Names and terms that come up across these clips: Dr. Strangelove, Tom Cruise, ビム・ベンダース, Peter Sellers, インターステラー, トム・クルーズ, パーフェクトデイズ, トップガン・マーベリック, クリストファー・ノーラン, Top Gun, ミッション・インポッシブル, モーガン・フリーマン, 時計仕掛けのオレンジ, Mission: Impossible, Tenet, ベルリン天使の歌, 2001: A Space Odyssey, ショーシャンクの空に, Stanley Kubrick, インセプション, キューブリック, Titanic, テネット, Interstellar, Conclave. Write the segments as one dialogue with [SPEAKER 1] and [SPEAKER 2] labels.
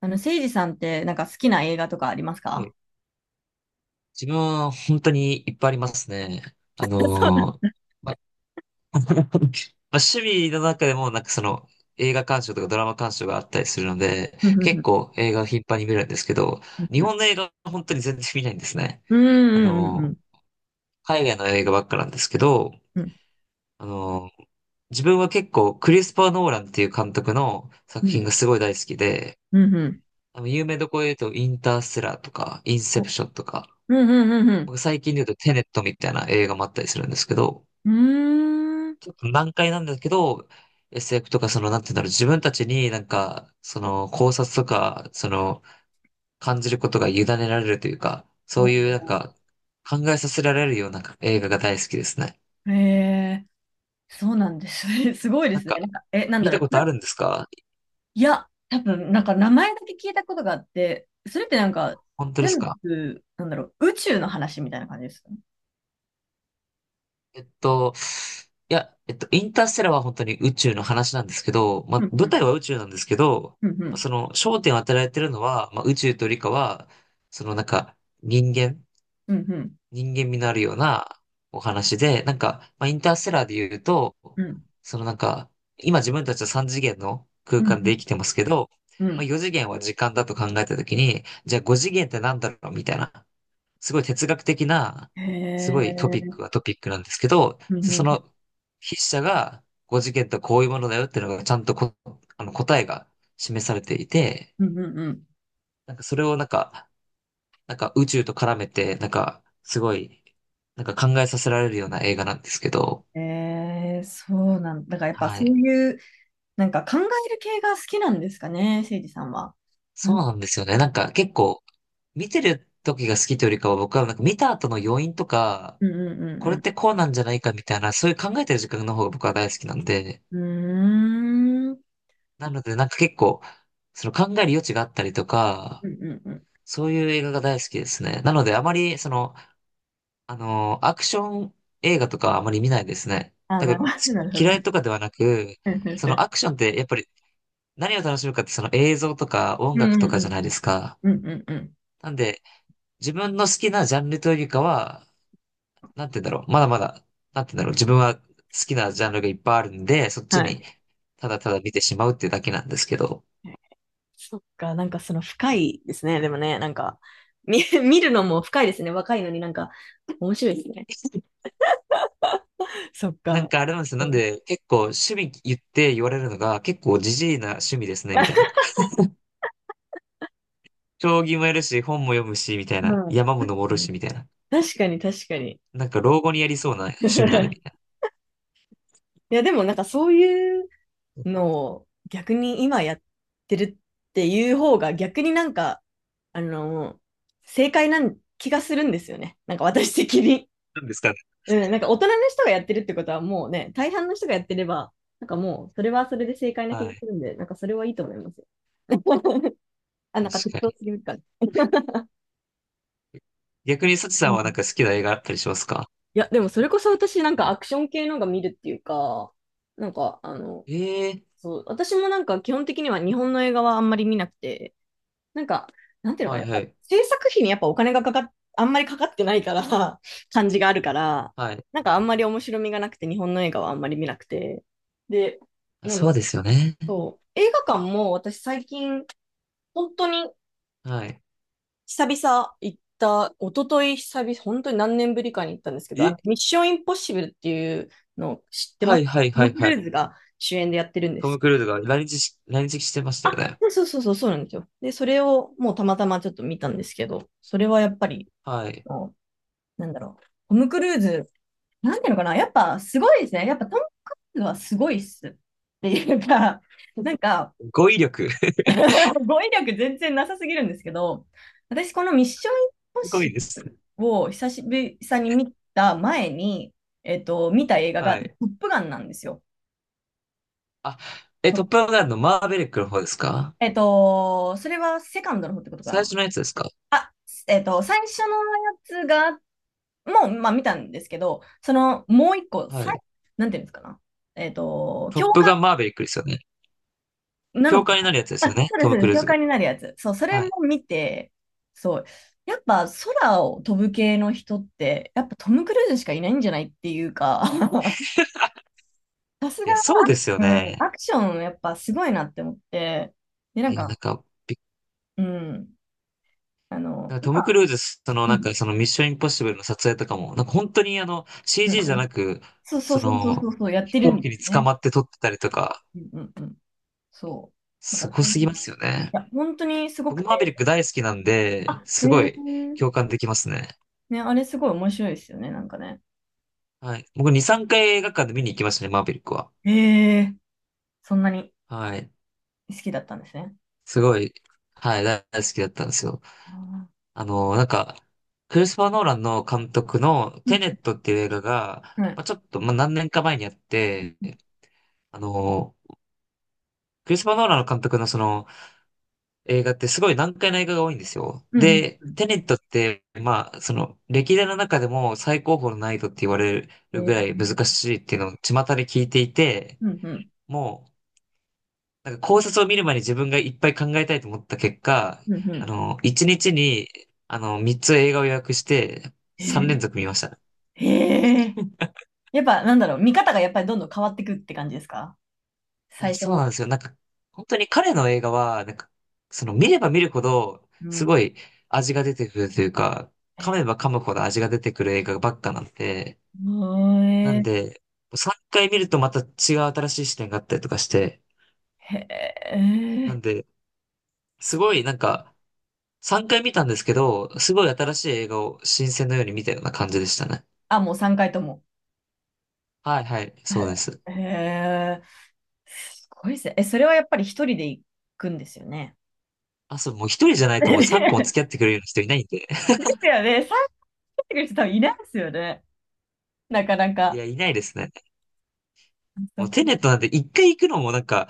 [SPEAKER 1] せいじさんってなんか好きな映画とかあります
[SPEAKER 2] は
[SPEAKER 1] か？
[SPEAKER 2] い。自分は本当にいっぱいありますね。あ
[SPEAKER 1] そう。
[SPEAKER 2] のーま、ま趣味の中でもなんか映画鑑賞とかドラマ鑑賞があったりするので、
[SPEAKER 1] うんう
[SPEAKER 2] 結
[SPEAKER 1] ん
[SPEAKER 2] 構映画を頻繁に見るんですけど、
[SPEAKER 1] う
[SPEAKER 2] 日
[SPEAKER 1] ん
[SPEAKER 2] 本の映画は本当に全然見ないんですね。
[SPEAKER 1] う
[SPEAKER 2] あ
[SPEAKER 1] んう
[SPEAKER 2] の
[SPEAKER 1] ん
[SPEAKER 2] ー海外の映画ばっかなんですけど、
[SPEAKER 1] うん
[SPEAKER 2] あのー自分は結構クリスパー・ノーランっていう監督の
[SPEAKER 1] う
[SPEAKER 2] 作品が
[SPEAKER 1] ん
[SPEAKER 2] すごい大好きで、
[SPEAKER 1] うんうん。
[SPEAKER 2] あの有名どころで言うとインターステラーとかインセ
[SPEAKER 1] おう。
[SPEAKER 2] プ
[SPEAKER 1] ん
[SPEAKER 2] ションとか、
[SPEAKER 1] うんうん
[SPEAKER 2] 僕最近で言うとテネットみたいな映画もあったりするんですけど、
[SPEAKER 1] うん。うーん。
[SPEAKER 2] ちょっと難解なんですけど、SF とかその、なんていうんだろう、自分たちになんか、その考察とか、その感じることが委ねられるというか、そう
[SPEAKER 1] お
[SPEAKER 2] いうなんか考えさせられるような映画が大好きですね。
[SPEAKER 1] ー。へえ。そうなんです。 すごいで
[SPEAKER 2] なん
[SPEAKER 1] すね。
[SPEAKER 2] か、
[SPEAKER 1] なんかえなん
[SPEAKER 2] 見
[SPEAKER 1] だろ
[SPEAKER 2] た
[SPEAKER 1] う
[SPEAKER 2] こ
[SPEAKER 1] そ
[SPEAKER 2] とあ
[SPEAKER 1] れ。
[SPEAKER 2] るんですか？
[SPEAKER 1] いや、多分なんか名前だけ聞いたことがあって、それってなんか
[SPEAKER 2] 本当です
[SPEAKER 1] 全
[SPEAKER 2] か？
[SPEAKER 1] 部、なんだろう、宇宙の話みたいな感じですか？
[SPEAKER 2] えっと、いや、えっと、インターステラーは本当に宇宙の話なんですけど、ま
[SPEAKER 1] う
[SPEAKER 2] あ、
[SPEAKER 1] んう
[SPEAKER 2] 舞
[SPEAKER 1] ん
[SPEAKER 2] 台は宇宙なんですけど、
[SPEAKER 1] うんう
[SPEAKER 2] まあ
[SPEAKER 1] ん
[SPEAKER 2] その焦点を当てられてるのは、まあ、宇宙と理科は、そのなんか人間、
[SPEAKER 1] うんうん
[SPEAKER 2] 人間味のあるようなお話で、なんか、まあ、インターステラーで言うと、
[SPEAKER 1] うん
[SPEAKER 2] そのなんか、今自分たちは3次元の
[SPEAKER 1] う
[SPEAKER 2] 空
[SPEAKER 1] んう
[SPEAKER 2] 間で生
[SPEAKER 1] ん
[SPEAKER 2] きてますけど、
[SPEAKER 1] う
[SPEAKER 2] まあ、
[SPEAKER 1] ん。
[SPEAKER 2] 4次元は時間だと考えたときに、じゃあ5次元ってなんだろうみたいな。すごい哲学的な、
[SPEAKER 1] へ
[SPEAKER 2] すごいトピッ
[SPEAKER 1] え。
[SPEAKER 2] クはトピックなんですけど、
[SPEAKER 1] うんう
[SPEAKER 2] そ
[SPEAKER 1] ん
[SPEAKER 2] の筆者が5次元とはこういうものだよっていうのがちゃんとこ、あの答えが示されていて、
[SPEAKER 1] うんうんうん。
[SPEAKER 2] なんかそれをなんか、なんか宇宙と絡めて、なんかすごい、なんか考えさせられるような映画なんですけど、
[SPEAKER 1] えー、そうなんだ。だからやっぱ
[SPEAKER 2] は
[SPEAKER 1] そ
[SPEAKER 2] い。
[SPEAKER 1] ういう、なんか考える系が好きなんですかね、誠治さんは。な
[SPEAKER 2] そ
[SPEAKER 1] ん
[SPEAKER 2] う
[SPEAKER 1] だ
[SPEAKER 2] な
[SPEAKER 1] ろ
[SPEAKER 2] んですよね。なんか結構、見てる時が好きというよりかは僕はなんか見た後の余韻とか、
[SPEAKER 1] う。うん
[SPEAKER 2] こ
[SPEAKER 1] う
[SPEAKER 2] れっ
[SPEAKER 1] ん
[SPEAKER 2] てこうなんじゃないかみたいな、そういう考えてる時間の方が僕は大好きなんで、
[SPEAKER 1] うんうん。うーん。
[SPEAKER 2] なので、なんか結構、その考える余地があったりとか、
[SPEAKER 1] うんうんうん。
[SPEAKER 2] そういう映画が大好きですね。なので、あまり、その、アクション映画とかあまり見ないですね。
[SPEAKER 1] あ、
[SPEAKER 2] な
[SPEAKER 1] な
[SPEAKER 2] ん
[SPEAKER 1] る
[SPEAKER 2] か、
[SPEAKER 1] ほど、
[SPEAKER 2] す
[SPEAKER 1] なるほ
[SPEAKER 2] 嫌い
[SPEAKER 1] ど。
[SPEAKER 2] とかではなく、そ のアクションってやっぱり何を楽しむかってその映像とか音
[SPEAKER 1] う
[SPEAKER 2] 楽と
[SPEAKER 1] んう
[SPEAKER 2] かじゃ
[SPEAKER 1] ん
[SPEAKER 2] ない
[SPEAKER 1] う
[SPEAKER 2] で
[SPEAKER 1] ん。
[SPEAKER 2] すか。
[SPEAKER 1] うんうんうん。
[SPEAKER 2] なんで、自分の好きなジャンルというよりかは、なんて言うんだろう、まだまだ、なんて言うんだろう、自分は好きなジャンルがいっぱいあるんで、そっ
[SPEAKER 1] は
[SPEAKER 2] ち
[SPEAKER 1] い。
[SPEAKER 2] にただただ見てしまうっていうだけなんですけど、
[SPEAKER 1] そっか、なんかその深いですね。でもね、なんか、見るのも深いですね。若いのになんか、面白いですね。そっ
[SPEAKER 2] なん
[SPEAKER 1] か。
[SPEAKER 2] かあれなんですよ。
[SPEAKER 1] う
[SPEAKER 2] なん
[SPEAKER 1] ん。
[SPEAKER 2] で、結構趣味言って言われるのが、結構ジジイな趣味ですね、みたいな。将棋もやるし、本も読むし、みたい
[SPEAKER 1] う
[SPEAKER 2] な。
[SPEAKER 1] ん。
[SPEAKER 2] 山も登るし、みたいな。
[SPEAKER 1] 確かに、確かに。
[SPEAKER 2] なんか老後にやりそうな
[SPEAKER 1] 確
[SPEAKER 2] 趣味だ
[SPEAKER 1] か
[SPEAKER 2] ね、み
[SPEAKER 1] に。
[SPEAKER 2] たい
[SPEAKER 1] いや、でもなんかそういうのを逆に今やってるっていう方が逆になんか、あの、正解な気がするんですよね。なんか私的に。
[SPEAKER 2] な。なんですかね。
[SPEAKER 1] うん、なんか大人の人がやってるってことはもうね、大半の人がやってれば、なんかもうそれはそれで正解な気
[SPEAKER 2] は
[SPEAKER 1] がす
[SPEAKER 2] い。
[SPEAKER 1] るんで、なんかそれはいいと思いますよ。あ、
[SPEAKER 2] 確
[SPEAKER 1] なんか適
[SPEAKER 2] か
[SPEAKER 1] 当す
[SPEAKER 2] に。
[SPEAKER 1] ぎるから。
[SPEAKER 2] 逆にサチ
[SPEAKER 1] う
[SPEAKER 2] さん
[SPEAKER 1] ん。
[SPEAKER 2] はなんか好きな映画あったりしますか？
[SPEAKER 1] いや、でもそれこそ私なんかアクション系のが見るっていうか、なんかあの、
[SPEAKER 2] ええー、
[SPEAKER 1] そう、私もなんか基本的には日本の映画はあんまり見なくて、なんか、なんていうのかな、
[SPEAKER 2] は
[SPEAKER 1] や
[SPEAKER 2] い
[SPEAKER 1] っ
[SPEAKER 2] は
[SPEAKER 1] ぱ
[SPEAKER 2] い。
[SPEAKER 1] 制作費にやっぱお金がかかっ、あんまりかかってないから、 感じがあるから、
[SPEAKER 2] はい。
[SPEAKER 1] なんかあんまり面白みがなくて、日本の映画はあんまり見なくて。で、
[SPEAKER 2] あ、
[SPEAKER 1] なん
[SPEAKER 2] そ
[SPEAKER 1] だ。
[SPEAKER 2] うですよね。
[SPEAKER 1] そう、映画館も私最近、本当に
[SPEAKER 2] はい。
[SPEAKER 1] 久々行った、一昨日久々、本当に何年ぶりかに行ったんですけど、あ
[SPEAKER 2] え、
[SPEAKER 1] の、ミッションインポッシブルっていうのを知ってま
[SPEAKER 2] は
[SPEAKER 1] す？
[SPEAKER 2] いはい
[SPEAKER 1] ト
[SPEAKER 2] は
[SPEAKER 1] ム・
[SPEAKER 2] い
[SPEAKER 1] ク
[SPEAKER 2] はい。
[SPEAKER 1] ルーズが主演でやってるんで
[SPEAKER 2] トム・
[SPEAKER 1] す。
[SPEAKER 2] クルーズが来日し、来日してましたよ
[SPEAKER 1] あ、
[SPEAKER 2] ね。
[SPEAKER 1] そうそうそう、そうなんですよ。で、それをもうたまたまちょっと見たんですけど、それはやっぱり、
[SPEAKER 2] はい。
[SPEAKER 1] なんだろう、トム・クルーズ、なんていうのかな、やっぱすごいですね。やっぱトム・クルーズはすごいっす。っていうか、な んか、
[SPEAKER 2] 語彙力。
[SPEAKER 1] 語彙力全然なさすぎるんですけど、私このミッション・インポッ
[SPEAKER 2] すごい
[SPEAKER 1] シ
[SPEAKER 2] で
[SPEAKER 1] ブ
[SPEAKER 2] す。
[SPEAKER 1] ルを久しぶりに見た前に、見た映画が
[SPEAKER 2] は
[SPEAKER 1] ト
[SPEAKER 2] い。
[SPEAKER 1] ップガンなんですよ。
[SPEAKER 2] あ、え、トップガンのマーベリックの方ですか？
[SPEAKER 1] それはセカンドの方ってことか
[SPEAKER 2] 最
[SPEAKER 1] な。
[SPEAKER 2] 初のやつですか？
[SPEAKER 1] あ、最初のやつが、もう、まあ見たんですけど、その、もう一個、
[SPEAKER 2] はい。
[SPEAKER 1] なんていうんですかな。
[SPEAKER 2] トッ
[SPEAKER 1] 教
[SPEAKER 2] プ
[SPEAKER 1] 科
[SPEAKER 2] ガンマーベリックですよね。
[SPEAKER 1] な
[SPEAKER 2] 教
[SPEAKER 1] のか
[SPEAKER 2] 官になるやつで
[SPEAKER 1] な。
[SPEAKER 2] すよ
[SPEAKER 1] あ、
[SPEAKER 2] ね。
[SPEAKER 1] そうで
[SPEAKER 2] ト
[SPEAKER 1] す、そう
[SPEAKER 2] ム・
[SPEAKER 1] で
[SPEAKER 2] ク
[SPEAKER 1] す。
[SPEAKER 2] ルー
[SPEAKER 1] 教
[SPEAKER 2] ズが。
[SPEAKER 1] 官になるやつ。そう、それ
[SPEAKER 2] はい。
[SPEAKER 1] も見て、そう。やっぱ空を飛ぶ系の人って、やっぱトム・クルーズしかいないんじゃないっていうか、さすが、
[SPEAKER 2] いや、そうですよ
[SPEAKER 1] うん、
[SPEAKER 2] ね。
[SPEAKER 1] アクションやっぱすごいなって思って、で、な
[SPEAKER 2] い
[SPEAKER 1] ん
[SPEAKER 2] や、なん
[SPEAKER 1] か、
[SPEAKER 2] か、び
[SPEAKER 1] うん、あの、
[SPEAKER 2] なんかト
[SPEAKER 1] 今、
[SPEAKER 2] ム・クルーズ、その、
[SPEAKER 1] う
[SPEAKER 2] なん
[SPEAKER 1] ん、
[SPEAKER 2] か、その、ミッション・インポッシブルの撮影とかも、なんか、本当に、あの、
[SPEAKER 1] うん、
[SPEAKER 2] CG じ
[SPEAKER 1] う
[SPEAKER 2] ゃな
[SPEAKER 1] ん。
[SPEAKER 2] く、
[SPEAKER 1] そうそう
[SPEAKER 2] そ
[SPEAKER 1] そうそうそ
[SPEAKER 2] の、
[SPEAKER 1] う、そうやっ
[SPEAKER 2] 飛
[SPEAKER 1] てる
[SPEAKER 2] 行
[SPEAKER 1] ん
[SPEAKER 2] 機
[SPEAKER 1] で
[SPEAKER 2] に
[SPEAKER 1] すよ
[SPEAKER 2] 捕
[SPEAKER 1] ね。
[SPEAKER 2] まって撮ってたりとか、
[SPEAKER 1] うん、うん、うん。そう。な
[SPEAKER 2] す
[SPEAKER 1] んか
[SPEAKER 2] ご
[SPEAKER 1] そうい
[SPEAKER 2] すぎ
[SPEAKER 1] う、
[SPEAKER 2] ま
[SPEAKER 1] い
[SPEAKER 2] すよね。
[SPEAKER 1] や、本当にすごく
[SPEAKER 2] 僕、マーベ
[SPEAKER 1] て、
[SPEAKER 2] リック大好きなんで、
[SPEAKER 1] あ、え
[SPEAKER 2] すご
[SPEAKER 1] ー、
[SPEAKER 2] い、共感できますね。
[SPEAKER 1] ね、あれすごい面白いですよね、なんかね。
[SPEAKER 2] はい。僕、2、3回映画館で見に行きましたね、マーベリックは。
[SPEAKER 1] えー、そんなに。
[SPEAKER 2] はい。
[SPEAKER 1] 好きだったんですね。
[SPEAKER 2] すごい、はい、大大好きだったんですよ。
[SPEAKER 1] ああ。
[SPEAKER 2] あの、なんか、クリスパー・ノーランの監督の
[SPEAKER 1] う
[SPEAKER 2] テ
[SPEAKER 1] ん、
[SPEAKER 2] ネットっていう映画が、
[SPEAKER 1] はい。
[SPEAKER 2] まあ、ちょっと、まあ、何年か前にあって、あの、クリスパー・ノーランの監督のその映画ってすごい難解な映画が多いんですよ。
[SPEAKER 1] うん、
[SPEAKER 2] で、
[SPEAKER 1] うん。
[SPEAKER 2] テネットって、まあ、その、歴代の中でも最高峰の難易度って言われ
[SPEAKER 1] へ
[SPEAKER 2] るぐら
[SPEAKER 1] え、
[SPEAKER 2] い難しいっていうのを巷で聞いていて、
[SPEAKER 1] うん、うん、
[SPEAKER 2] もう、なんか考察を見る前に自分がいっぱい考えたいと思った結果、
[SPEAKER 1] うん、う
[SPEAKER 2] あ
[SPEAKER 1] ん。
[SPEAKER 2] の、1日にちに、あの、3つ映画を予約して、
[SPEAKER 1] へ
[SPEAKER 2] 3連
[SPEAKER 1] え、
[SPEAKER 2] 続見ました。
[SPEAKER 1] へえ。
[SPEAKER 2] うん。
[SPEAKER 1] やっぱ、なんだろう、見方がやっぱりどんどん変わってくって感じですか？
[SPEAKER 2] あ、
[SPEAKER 1] 最初
[SPEAKER 2] そう
[SPEAKER 1] 見、
[SPEAKER 2] なんですよ。なんか、本当に彼の映画は、なんか、その見れば見るほど、
[SPEAKER 1] う
[SPEAKER 2] す
[SPEAKER 1] ん。
[SPEAKER 2] ごい味が出てくるというか、
[SPEAKER 1] へ
[SPEAKER 2] 噛
[SPEAKER 1] え、
[SPEAKER 2] めば噛むほど味が出てくる映画ばっかなんで、なんで、3回見るとまた違う新しい視点があったりとかして、
[SPEAKER 1] へ
[SPEAKER 2] な
[SPEAKER 1] え。
[SPEAKER 2] んで、すごいなんか、3回見たんですけど、すごい新しい映画を新鮮のように見たような感じでしたね。
[SPEAKER 1] あ、もう3回とも。
[SPEAKER 2] はいはい、
[SPEAKER 1] へ
[SPEAKER 2] そうです。
[SPEAKER 1] え、へえ。すごいですね。え、それはやっぱり一人で行くんですよね。
[SPEAKER 2] あ、そう、もう一人じゃな いともう三個も
[SPEAKER 1] で
[SPEAKER 2] 付き合ってくれるような人いないんで。
[SPEAKER 1] すよね。参加してくる人多分いないですよね。なかな
[SPEAKER 2] い
[SPEAKER 1] か。
[SPEAKER 2] や、いないですね。
[SPEAKER 1] あ、そ
[SPEAKER 2] も
[SPEAKER 1] っ
[SPEAKER 2] う
[SPEAKER 1] か。
[SPEAKER 2] テネットなんて一回行くのもなんか、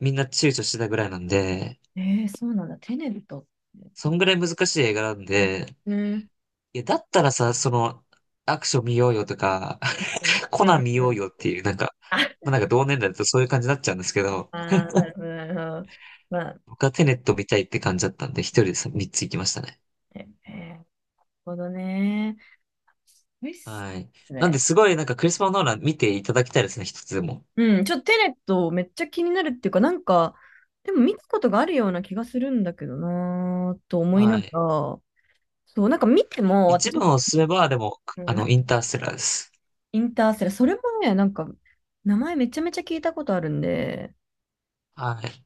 [SPEAKER 2] みんな躊躇してたぐらいなんで、
[SPEAKER 1] えー、そうなんだ。テネットって。
[SPEAKER 2] そんぐらい難しい映画なんで、
[SPEAKER 1] ね。
[SPEAKER 2] いや、だったらさ、その、アクション見ようよとか、コ
[SPEAKER 1] う
[SPEAKER 2] ナン
[SPEAKER 1] ん
[SPEAKER 2] 見
[SPEAKER 1] う
[SPEAKER 2] よ
[SPEAKER 1] んう
[SPEAKER 2] う
[SPEAKER 1] ん。
[SPEAKER 2] よっていう、なんか、
[SPEAKER 1] あ、
[SPEAKER 2] まあなんか同年代だとそういう感じになっちゃうんですけ
[SPEAKER 1] あ
[SPEAKER 2] ど、
[SPEAKER 1] ー、なるほど、なるほど。まあ、
[SPEAKER 2] 僕はテネット見たいって感じだったんで、一人でさ三つ行きましたね。
[SPEAKER 1] ええー、なるほどね。すごいっす
[SPEAKER 2] はい。なんで、
[SPEAKER 1] ね。
[SPEAKER 2] すごいなんかクリスマ・ノーラン見ていただきたいですね、一つでも。
[SPEAKER 1] うん、ちょっとテネットめっちゃ気になるっていうか、なんか、でも見たことがあるような気がするんだけどなーと思いな
[SPEAKER 2] は
[SPEAKER 1] が
[SPEAKER 2] い。
[SPEAKER 1] ら、そう、なんか見ても
[SPEAKER 2] 一部
[SPEAKER 1] 私、
[SPEAKER 2] のおすすめは、でも、
[SPEAKER 1] う
[SPEAKER 2] あの、
[SPEAKER 1] ん、
[SPEAKER 2] インターステラーです。
[SPEAKER 1] インターセラ、ーそれもね、なんか、名前めちゃめちゃ聞いたことあるんで、
[SPEAKER 2] はい。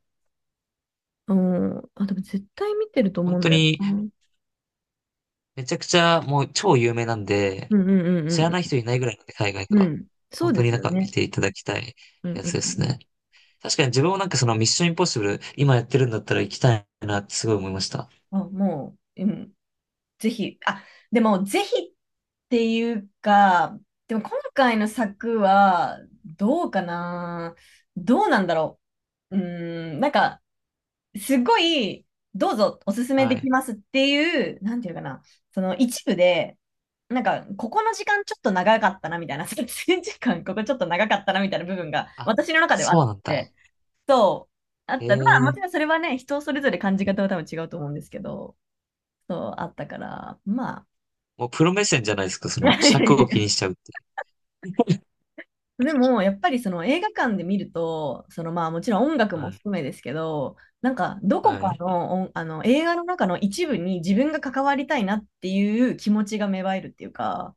[SPEAKER 1] うん、あ、でも絶対見てると思
[SPEAKER 2] 本
[SPEAKER 1] うん
[SPEAKER 2] 当
[SPEAKER 1] だよ
[SPEAKER 2] に、
[SPEAKER 1] な。うん
[SPEAKER 2] めちゃくちゃ、もう超有名なんで、
[SPEAKER 1] うん
[SPEAKER 2] 知ら
[SPEAKER 1] う
[SPEAKER 2] ない
[SPEAKER 1] ん
[SPEAKER 2] 人いないぐらいなんで、海外で
[SPEAKER 1] うん。う
[SPEAKER 2] は。
[SPEAKER 1] ん、そう
[SPEAKER 2] 本当
[SPEAKER 1] で
[SPEAKER 2] に
[SPEAKER 1] す
[SPEAKER 2] なん
[SPEAKER 1] よ
[SPEAKER 2] か見
[SPEAKER 1] ね。
[SPEAKER 2] ていただきたい
[SPEAKER 1] うんう
[SPEAKER 2] や
[SPEAKER 1] んう
[SPEAKER 2] つです
[SPEAKER 1] ん。
[SPEAKER 2] ね。確かに自分もなんかそのミッションインポッシブル、今やってるんだったら行きたいなってすごい思いました。
[SPEAKER 1] あ、もう、うん、ぜひ、あ、でも、ぜひっていうか、でも今回の作は、どうかな。どうなんだろう。うーん、なんか、すごい、どうぞおすすめで
[SPEAKER 2] は
[SPEAKER 1] き
[SPEAKER 2] い。
[SPEAKER 1] ますっていう、なんていうかな、その一部で、なんか、ここの時間ちょっと長かったな、みたいな、撮影時間、ここちょっと長かったな、みたいな部分が、
[SPEAKER 2] あ、
[SPEAKER 1] 私の中ではあ
[SPEAKER 2] そう
[SPEAKER 1] っ
[SPEAKER 2] なんだ。
[SPEAKER 1] て、そう、あっ
[SPEAKER 2] へ
[SPEAKER 1] た。まあ、も
[SPEAKER 2] え。
[SPEAKER 1] ちろんそれはね、人それぞれ感じ方は多分違うと思うんですけど、そうあったから、まあ。
[SPEAKER 2] もうプロ目線じゃないですか、その尺を気に しちゃうってい
[SPEAKER 1] でも、やっぱりその映画館で見ると、そのまあもちろん音楽
[SPEAKER 2] う。
[SPEAKER 1] も
[SPEAKER 2] はい。
[SPEAKER 1] 含めですけど、なんかどこ
[SPEAKER 2] は
[SPEAKER 1] か
[SPEAKER 2] い。
[SPEAKER 1] の音あの映画の中の一部に自分が関わりたいなっていう気持ちが芽生えるっていうか、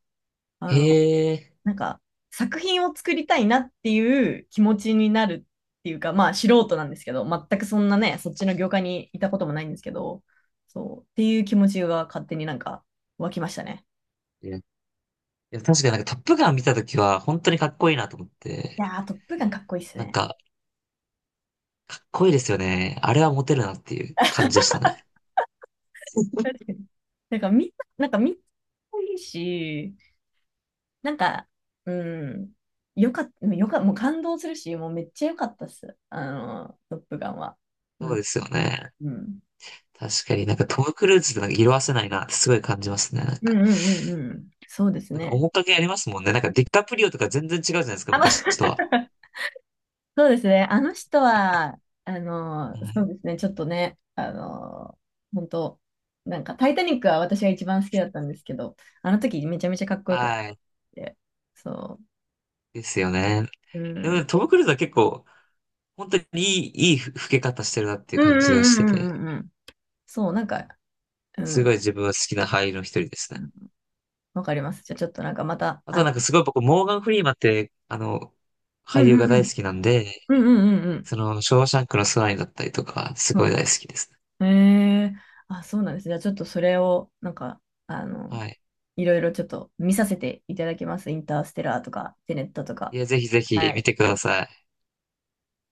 [SPEAKER 1] あの、
[SPEAKER 2] へえ。
[SPEAKER 1] なんか作品を作りたいなっていう気持ちになるっていうか、まあ素人なんですけど、全くそんなね、そっちの業界にいたこともないんですけど、そう、っていう気持ちが勝手になんか湧きましたね。
[SPEAKER 2] いや、いや確かになんかトップガン見たときは、本当にかっこいいなと思っ
[SPEAKER 1] い
[SPEAKER 2] て、
[SPEAKER 1] やー、トップガンかっこいいっす
[SPEAKER 2] なん
[SPEAKER 1] ね。
[SPEAKER 2] か、かっこいいですよね。あれはモテるなっていう感じでしたね。
[SPEAKER 1] 確かに。なんかみんな、なんかみんないいし、なんか、うん、よかった、もう感動するし、もうめっちゃ良かったっす。あの、トップガンは。
[SPEAKER 2] そ
[SPEAKER 1] う
[SPEAKER 2] う
[SPEAKER 1] ん、
[SPEAKER 2] ですよね。
[SPEAKER 1] うん。
[SPEAKER 2] 確かになんかトム・クルーズってなんか色褪せないなってすごい感じますね。なん
[SPEAKER 1] うん
[SPEAKER 2] か、
[SPEAKER 1] うんうんうん。そうです
[SPEAKER 2] なんか
[SPEAKER 1] ね。
[SPEAKER 2] 面影ありますもんね。なんかディカプリオとか全然違うじゃないですか、
[SPEAKER 1] あ、ま、
[SPEAKER 2] 昔とは。
[SPEAKER 1] そうですね。あの人は、あの、
[SPEAKER 2] は
[SPEAKER 1] そう
[SPEAKER 2] い。
[SPEAKER 1] ですね。ちょっとね、あの、本当、なんか、タイタニックは私が一番好きだったんですけど、あの時めちゃめちゃかっこよかった
[SPEAKER 2] は
[SPEAKER 1] っ
[SPEAKER 2] い。
[SPEAKER 1] て。そ
[SPEAKER 2] ですよね。
[SPEAKER 1] う。う
[SPEAKER 2] でも
[SPEAKER 1] ん。
[SPEAKER 2] ねトム・クルーズは結構、本当にいい、いい老け方してるなってい
[SPEAKER 1] う
[SPEAKER 2] う
[SPEAKER 1] ん
[SPEAKER 2] 感じが
[SPEAKER 1] う
[SPEAKER 2] し
[SPEAKER 1] んう
[SPEAKER 2] てて、
[SPEAKER 1] んうんうんうん。そう、なんか、う
[SPEAKER 2] すごい
[SPEAKER 1] ん、
[SPEAKER 2] 自分は好きな俳優の一人ですね。
[SPEAKER 1] わかります。じゃあちょっとなんかまた、
[SPEAKER 2] あと
[SPEAKER 1] あ
[SPEAKER 2] はな
[SPEAKER 1] の、
[SPEAKER 2] んかすごい僕、モーガン・フリーマンって、あの、
[SPEAKER 1] う
[SPEAKER 2] 俳優
[SPEAKER 1] んう
[SPEAKER 2] が
[SPEAKER 1] んう
[SPEAKER 2] 大好
[SPEAKER 1] ん、
[SPEAKER 2] きなんで、
[SPEAKER 1] うんうんうん
[SPEAKER 2] その、ショーシャンクの空にだったりとか、す
[SPEAKER 1] う
[SPEAKER 2] ご
[SPEAKER 1] ん、
[SPEAKER 2] い大好きですね。
[SPEAKER 1] うん。えー、あ、そうなんです。じゃあちょっとそれを、なんか、あの、
[SPEAKER 2] はい。
[SPEAKER 1] いろいろちょっと見させていただきます。インターステラーとか、テネットとか。
[SPEAKER 2] いや、ぜひぜひ
[SPEAKER 1] は
[SPEAKER 2] 見
[SPEAKER 1] い。
[SPEAKER 2] てください。